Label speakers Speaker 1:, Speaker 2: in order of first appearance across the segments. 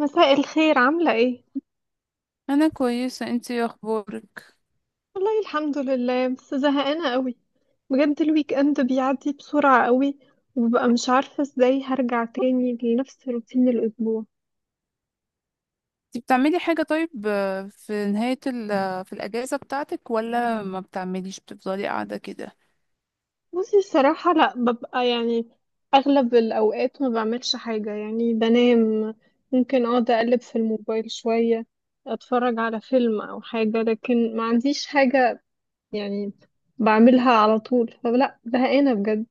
Speaker 1: مساء الخير، عاملة ايه؟
Speaker 2: انا كويسه، انتي إيه اخبارك؟
Speaker 1: والله الحمد لله، بس زهقانة قوي. بجد الويك اند بيعدي بسرعة قوي، وببقى مش عارفة ازاي هرجع تاني لنفس روتين الأسبوع.
Speaker 2: انتي بتعملي حاجه طيب، في نهايه ال آه، في الاجازه بتاعتك ولا ما بتعمليش، بتفضلي قاعده كده؟
Speaker 1: بصي الصراحة لأ، ببقى يعني أغلب الأوقات ما بعملش حاجة، يعني بنام، ممكن أقعد أقلب في الموبايل شوية، أتفرج على فيلم أو حاجة، لكن ما عنديش حاجة يعني بعملها على طول. فلأ زهقانة بجد.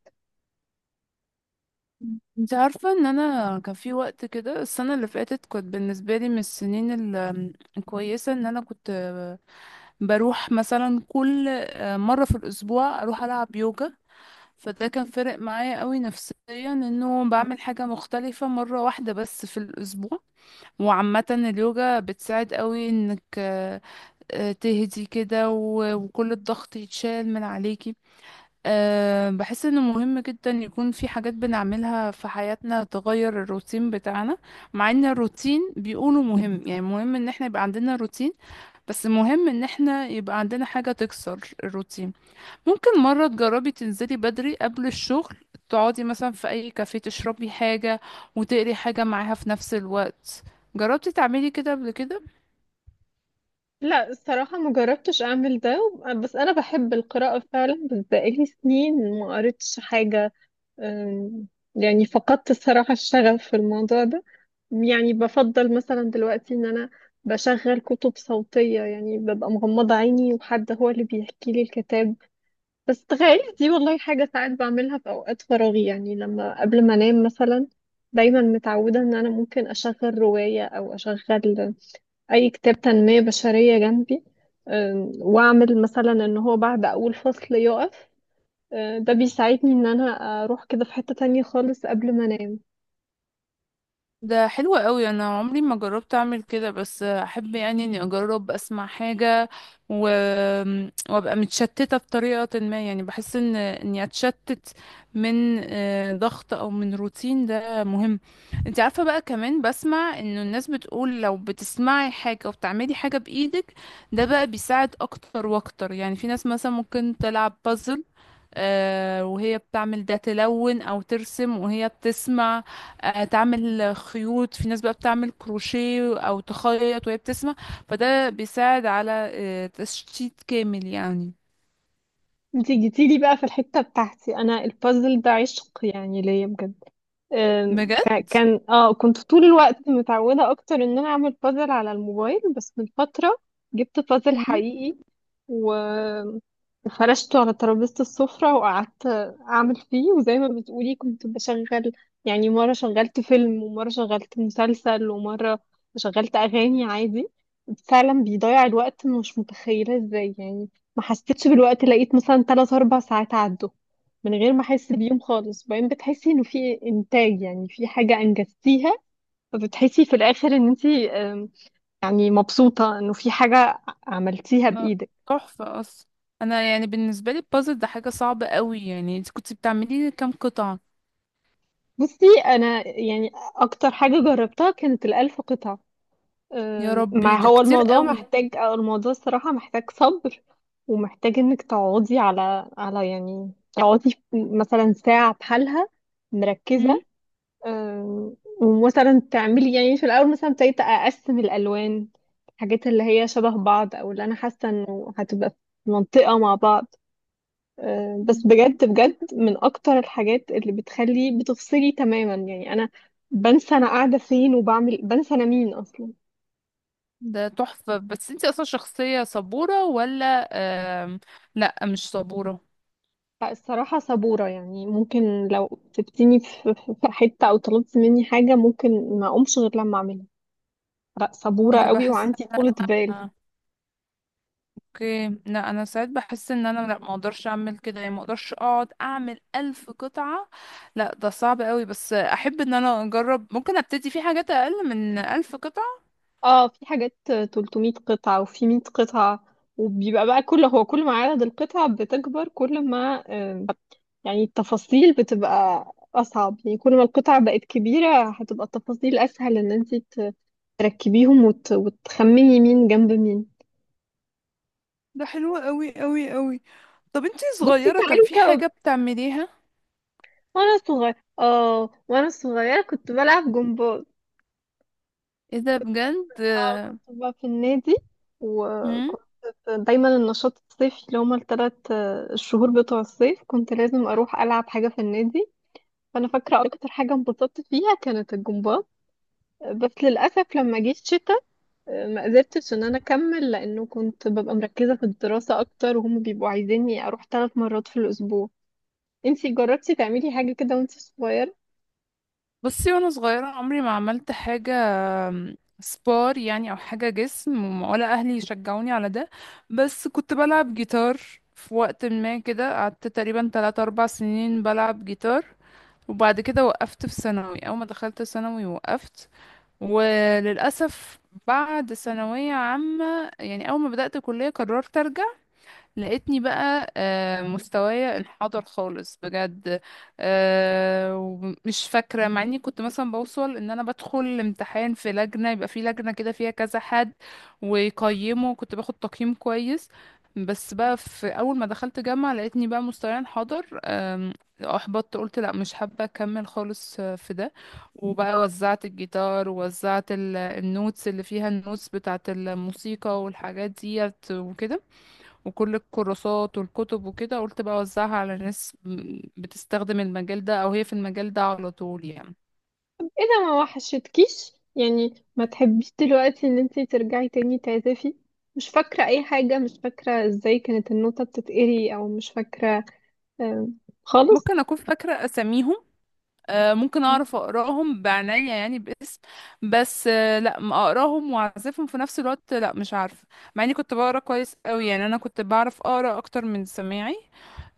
Speaker 2: انت عارفه ان انا كان في وقت كده، السنه اللي فاتت كنت بالنسبه لي من السنين ال- آم، الكويسه ان انا كنت، بروح مثلا كل مره في الاسبوع اروح العب يوجا. فده كان فارق معايا قوي نفسيا، انه بعمل حاجه مختلفه مره واحده بس في الاسبوع. وعامه اليوجا بتساعد قوي انك تهدي كده و- وكل الضغط يتشال من عليكي. بحس انه مهم جدا يكون في حاجات بنعملها في حياتنا تغير الروتين بتاعنا. مع ان الروتين بيقولوا مهم، يعني مهم ان احنا يبقى عندنا روتين، بس مهم ان احنا يبقى عندنا حاجة تكسر الروتين. ممكن مرة تجربي تنزلي بدري قبل الشغل، تقعدي مثلا في اي كافيه، تشربي حاجة وتقري حاجة معاها في نفس الوقت. جربتي تعملي كده قبل كده؟
Speaker 1: لا الصراحة ما جربتش أعمل ده، بس أنا بحب القراءة فعلا، بس بقالي سنين ما قريتش حاجة. أم، يعني فقدت الصراحة الشغف في الموضوع ده. يعني بفضل مثلا دلوقتي إن أنا بشغل كتب صوتية، يعني ببقى مغمضة عيني وحد هو اللي بيحكي لي الكتاب. بس تخيل، دي والله حاجة ساعات بعملها في أوقات فراغي، يعني لما قبل ما أنام مثلا دايما متعودة إن أنا ممكن أشغل رواية أو أشغل اي كتاب تنمية بشرية جنبي، واعمل مثلا ان هو بعد اول فصل يقف. ده بيساعدني ان انا اروح كده في حتة تانية خالص قبل ما انام.
Speaker 2: ده حلو قوي، انا عمري ما جربت اعمل كده، بس احب يعني اني اجرب اسمع حاجة و... وابقى متشتتة بطريقة ما، يعني بحس ان اني اتشتت من ضغط او من روتين، ده مهم. انت عارفة بقى، كمان بسمع انه الناس بتقول لو بتسمعي حاجة وبتعملي حاجة بايدك، ده بقى بيساعد اكتر واكتر. يعني في ناس مثلا ممكن تلعب بازل وهي بتعمل ده، تلون او ترسم وهي بتسمع، تعمل خيوط، في ناس بقى بتعمل كروشيه او تخيط وهي بتسمع. فده بيساعد على تشتيت كامل يعني.
Speaker 1: انتي جيتيلي بقى في الحتة بتاعتي، انا البازل ده عشق يعني ليا بجد. أم،
Speaker 2: بجد.
Speaker 1: كا- كان اه كنت طول الوقت متعودة اكتر ان انا اعمل بازل على الموبايل، بس من فترة جبت بازل
Speaker 2: مم.
Speaker 1: حقيقي و... وفرشته على ترابيزة السفرة، وقعدت أعمل فيه، وزي ما بتقولي كنت بشغل يعني، مرة شغلت فيلم، ومرة شغلت مسلسل، ومرة شغلت أغاني عادي. فعلا بيضيع الوقت، أنا مش متخيلة ازاي يعني. ما حسيتش بالوقت، لقيت مثلا تلات أربع ساعات عدوا من غير ما أحس بيهم خالص. وبعدين بتحسي إنه في إنتاج، يعني في حاجة أنجزتيها، فبتحسي في الآخر إن أنتي يعني مبسوطة إنه في حاجة عملتيها
Speaker 2: لا،
Speaker 1: بإيدك.
Speaker 2: تحفة اصلا. انا يعني بالنسبة لي البازل ده حاجة صعبة قوي. يعني انت كنت بتعملي كام قطعة؟
Speaker 1: بصي انا يعني اكتر حاجه جربتها كانت الالف قطعه.
Speaker 2: يا ربي،
Speaker 1: مع
Speaker 2: ده
Speaker 1: هو
Speaker 2: كتير
Speaker 1: الموضوع
Speaker 2: قوي.
Speaker 1: محتاج، او الموضوع الصراحه محتاج صبر، ومحتاج انك تقعدي على يعني تقعدي مثلا ساعه بحالها
Speaker 2: مم.
Speaker 1: مركزه. أم، ومثلا تعملي يعني في الاول مثلا ابتديت اقسم الالوان، الحاجات اللي هي شبه بعض او اللي انا حاسه انه هتبقى في منطقه مع بعض. بس بجد بجد من اكتر الحاجات اللي بتخلي بتفصلي تماما، يعني انا بنسى انا قاعده فين، وبعمل، بنسى انا مين اصلا.
Speaker 2: ده تحفة. بس انت اصلا شخصية صبورة ولا آم، لا مش صبورة؟
Speaker 1: فالصراحه صبوره يعني، ممكن لو سبتيني في حته، او طلبت مني حاجه ممكن ما اقومش غير لما اعملها. لا
Speaker 2: ايه
Speaker 1: صبوره
Speaker 2: ده،
Speaker 1: قوي
Speaker 2: بحس،
Speaker 1: وعندي طولة بال.
Speaker 2: آه، اوكي. لا انا ساعات بحس ان انا لا، ما اقدرش اعمل كده، يعني ما اقدرش اقعد اعمل الف قطعة. لا ده صعب قوي، بس احب ان انا اجرب، ممكن ابتدي في حاجات اقل من الف قطعة.
Speaker 1: اه في حاجات 300 قطعة وفي 100 قطعة، وبيبقى بقى كل ما عدد القطع بتكبر، كل ما آم، يعني التفاصيل بتبقى أصعب، يعني كل ما القطع بقت كبيرة هتبقى التفاصيل أسهل إن أنت تركبيهم وتخمني مين جنب مين.
Speaker 2: ده حلو قوي قوي قوي. طب انتي
Speaker 1: بصي
Speaker 2: صغيرة كان
Speaker 1: تعالي،
Speaker 2: في
Speaker 1: كو...
Speaker 2: حاجة بتعمليها؟
Speaker 1: وأنا صغيرة كنت بلعب جمباز.
Speaker 2: ايه ده، بجد؟
Speaker 1: كنت بقى في النادي،
Speaker 2: مم؟
Speaker 1: وكنت دايما النشاط الصيفي اللي هما التلات الشهور بتوع الصيف كنت لازم أروح ألعب حاجة في النادي. فأنا فاكرة أكتر حاجة انبسطت فيها كانت الجمباز. بس للأسف لما جه الشتاء، ما قدرتش إن أنا أكمل، لأنه كنت ببقى مركزة في الدراسة أكتر، وهم بيبقوا عايزيني أروح 3 مرات في الأسبوع. انتي جربتي تعملي حاجة كده وانتي صغيرة؟
Speaker 2: بصي، وانا صغيرة عمري ما عملت حاجة سبار يعني او حاجه جسم، ولا اهلي يشجعوني على ده. بس كنت بلعب جيتار، في وقت ما كده قعدت تقريبا 3 4 سنين بلعب جيتار. وبعد كده وقفت في ثانوي، اول ما دخلت ثانوي وقفت، وللاسف بعد ثانويه عامه يعني اول ما بدات كليه قررت ارجع. لقيتني بقى مستوايا انحدر خالص، بجد. ومش فاكرة، مع اني كنت مثلا بوصل ان انا بدخل امتحان في لجنة، يبقى في لجنة كده فيها كذا حد ويقيمه، كنت باخد تقييم كويس. بس بقى في اول ما دخلت جامعة لقيتني بقى مستوايا انحدر، احبطت. قلت لا مش حابة اكمل خالص في ده. وبقى وزعت الجيتار، ووزعت النوتس اللي فيها، النوتس بتاعت الموسيقى والحاجات ديت وكده، وكل الكورسات والكتب وكده. قلت بقى اوزعها على ناس بتستخدم المجال ده، او هي في المجال ده على طول يعني.
Speaker 1: إذا ما وحشتكيش، يعني ما تحبيش دلوقتي إن انتي ترجعي تاني تعزفي؟ مش فاكرة أي حاجة، مش فاكرة ازاي كانت النوتة بتتقري، أو مش فاكرة آه، خالص.
Speaker 2: ممكن اكون فاكره اساميهم، ممكن اعرف اقراهم بعناية يعني باسم. بس لا ما اقراهم واعزفهم في نفس الوقت، لا مش عارفه. مع اني كنت بقرا كويس قوي، يعني انا كنت بعرف اقرا اكتر من سماعي.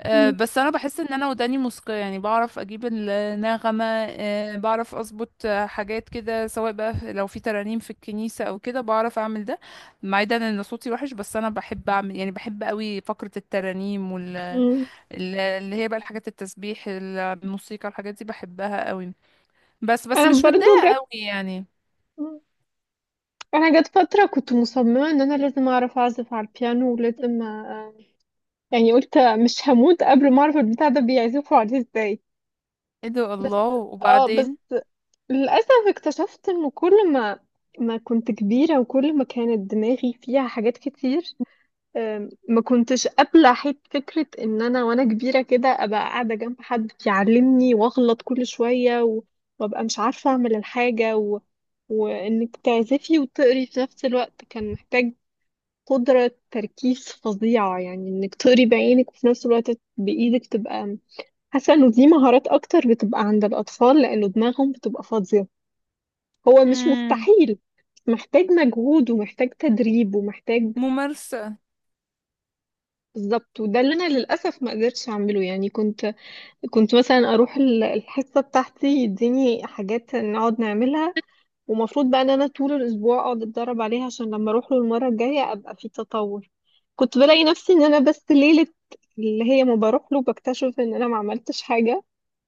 Speaker 1: م-
Speaker 2: بس انا بحس ان انا وداني موسيقية، يعني بعرف اجيب النغمة، بعرف اظبط حاجات كده، سواء بقى لو في ترانيم في الكنيسة او كده، بعرف اعمل ده. مع ده ان صوتي وحش، بس انا بحب اعمل، يعني بحب قوي فقرة الترانيم
Speaker 1: م-
Speaker 2: اللي هي بقى الحاجات، التسبيح، الموسيقى، الحاجات دي بحبها قوي. بس
Speaker 1: انا
Speaker 2: مش
Speaker 1: برضو
Speaker 2: متضايقة
Speaker 1: جت
Speaker 2: قوي يعني.
Speaker 1: م- انا جت فتره كنت مصممه ان انا لازم اعرف اعزف على البيانو، ولازم يعني قلت مش هموت قبل ما اعرف البتاع ده بيعزفوا عليه ازاي.
Speaker 2: ايه ده، الله.
Speaker 1: اه بس
Speaker 2: وبعدين؟
Speaker 1: للاسف اكتشفت ان كل ما ما كنت كبيره، وكل ما كانت دماغي فيها حاجات كتير، ما كنتش قابلة حيت فكرة إن أنا وأنا كبيرة كده أبقى قاعدة جنب حد يعلمني، وأغلط كل شوية، وأبقى مش عارفة أعمل الحاجة، وإنك تعزفي وتقري في نفس الوقت كان محتاج قدرة تركيز فظيعة، يعني إنك تقري بعينك، وفي نفس الوقت بإيدك تبقى حاسة إنه دي مهارات أكتر بتبقى عند الأطفال لأنه دماغهم بتبقى فاضية. هو مش
Speaker 2: امم
Speaker 1: مستحيل، محتاج مجهود، ومحتاج تدريب، ومحتاج.
Speaker 2: ممارسة.
Speaker 1: بالظبط، وده اللي انا للاسف ما قدرتش اعمله، يعني كنت مثلا اروح الحصه بتاعتي، يديني حاجات نقعد نعملها، ومفروض بقى ان انا طول الاسبوع اقعد اتدرب عليها عشان لما اروح له المره الجايه ابقى في تطور. كنت بلاقي نفسي ان انا بس ليله اللي هي ما بروح له بكتشف ان انا ما عملتش حاجه،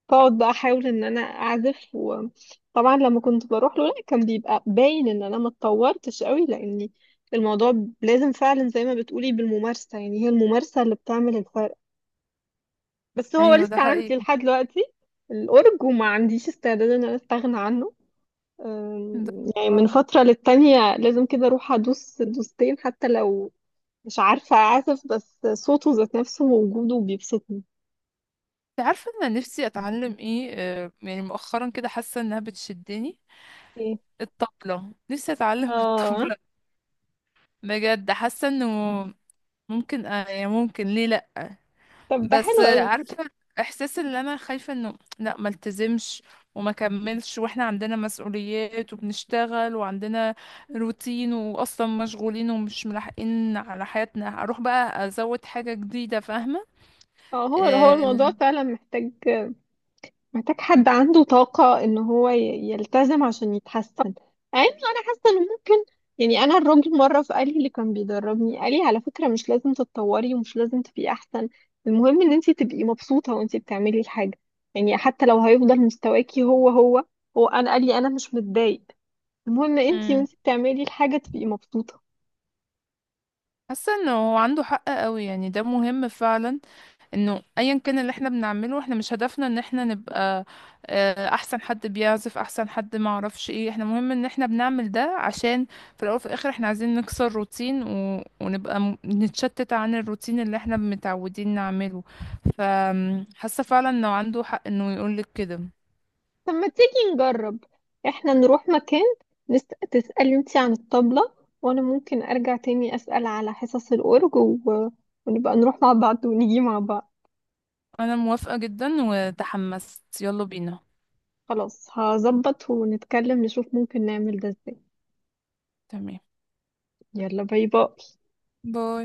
Speaker 1: فاقعد بقى احاول ان انا اعزف. وطبعا لما كنت بروح له لا كان بيبقى باين ان انا ما اتطورتش قوي، لاني الموضوع لازم فعلا زي ما بتقولي بالممارسة، يعني هي الممارسة اللي بتعمل الفرق. بس هو
Speaker 2: ايوه ده
Speaker 1: لسه عندي
Speaker 2: حقيقي.
Speaker 1: لحد دلوقتي الأورج، وما عنديش استعداد ان انا استغنى عنه. أم،
Speaker 2: ده
Speaker 1: يعني من
Speaker 2: آه.
Speaker 1: فترة للتانية لازم كده اروح ادوس دوستين، حتى لو مش عارفة اعزف، بس صوته ذات نفسه ووجوده بيبسطني.
Speaker 2: انت عارفه انا نفسي اتعلم ايه؟ يعني مؤخرا كده حاسه انها بتشدني،
Speaker 1: إيه.
Speaker 2: الطبله، نفسي اتعلم
Speaker 1: اه.
Speaker 2: الطبله. بجد، حاسه انه ممكن، يعني ممكن ليه لا؟
Speaker 1: طب ده
Speaker 2: بس
Speaker 1: حلو قوي.
Speaker 2: عارفه احساس، اللي انا خايفه انه لا، ما التزمش وما كملش. واحنا عندنا مسؤوليات وبنشتغل وعندنا روتين، واصلا مشغولين ومش ملاحقين على حياتنا، اروح بقى ازود حاجه جديده، فاهمه؟
Speaker 1: اه، هو هو
Speaker 2: آه،
Speaker 1: الموضوع فعلا محتاج، محتاج حد عنده طاقة ان هو يلتزم عشان يتحسن. يعني انا حاسة ان ممكن، يعني انا الراجل مرة فقال لي، اللي كان بيدربني قال لي على فكرة مش لازم تتطوري، ومش لازم تبقي احسن. المهم ان انت تبقي مبسوطة وانت بتعملي الحاجة، يعني حتى لو هيفضل مستواكي هو هو، هو انا قال لي انا مش متضايق. المهم انت
Speaker 2: مم.
Speaker 1: وانت بتعملي الحاجة تبقي مبسوطة.
Speaker 2: حاسه انه هو عنده حق قوي، يعني ده مهم فعلا. انه ايا كان اللي احنا بنعمله، احنا مش هدفنا ان احنا نبقى احسن حد بيعزف، احسن حد ما اعرفش ايه. احنا مهم ان احنا بنعمل ده عشان في الاول وفي الاخر احنا عايزين نكسر روتين و... ونبقى م... نتشتت عن الروتين اللي احنا متعودين نعمله. فحاسه فعلا انه عنده حق انه يقولك كده.
Speaker 1: طب ما تيجي نجرب، احنا نروح مكان، نس... تسألي انتي عن الطبلة، وانا ممكن ارجع تاني اسأل على حصص الأورج، ونبقى نروح مع بعض، ونيجي مع بعض.
Speaker 2: انا موافقة جدا، وتحمست، يلا بينا.
Speaker 1: خلاص، هظبط ونتكلم، نشوف ممكن نعمل ده ازاي.
Speaker 2: تمام.
Speaker 1: يلا باي باي.
Speaker 2: باي.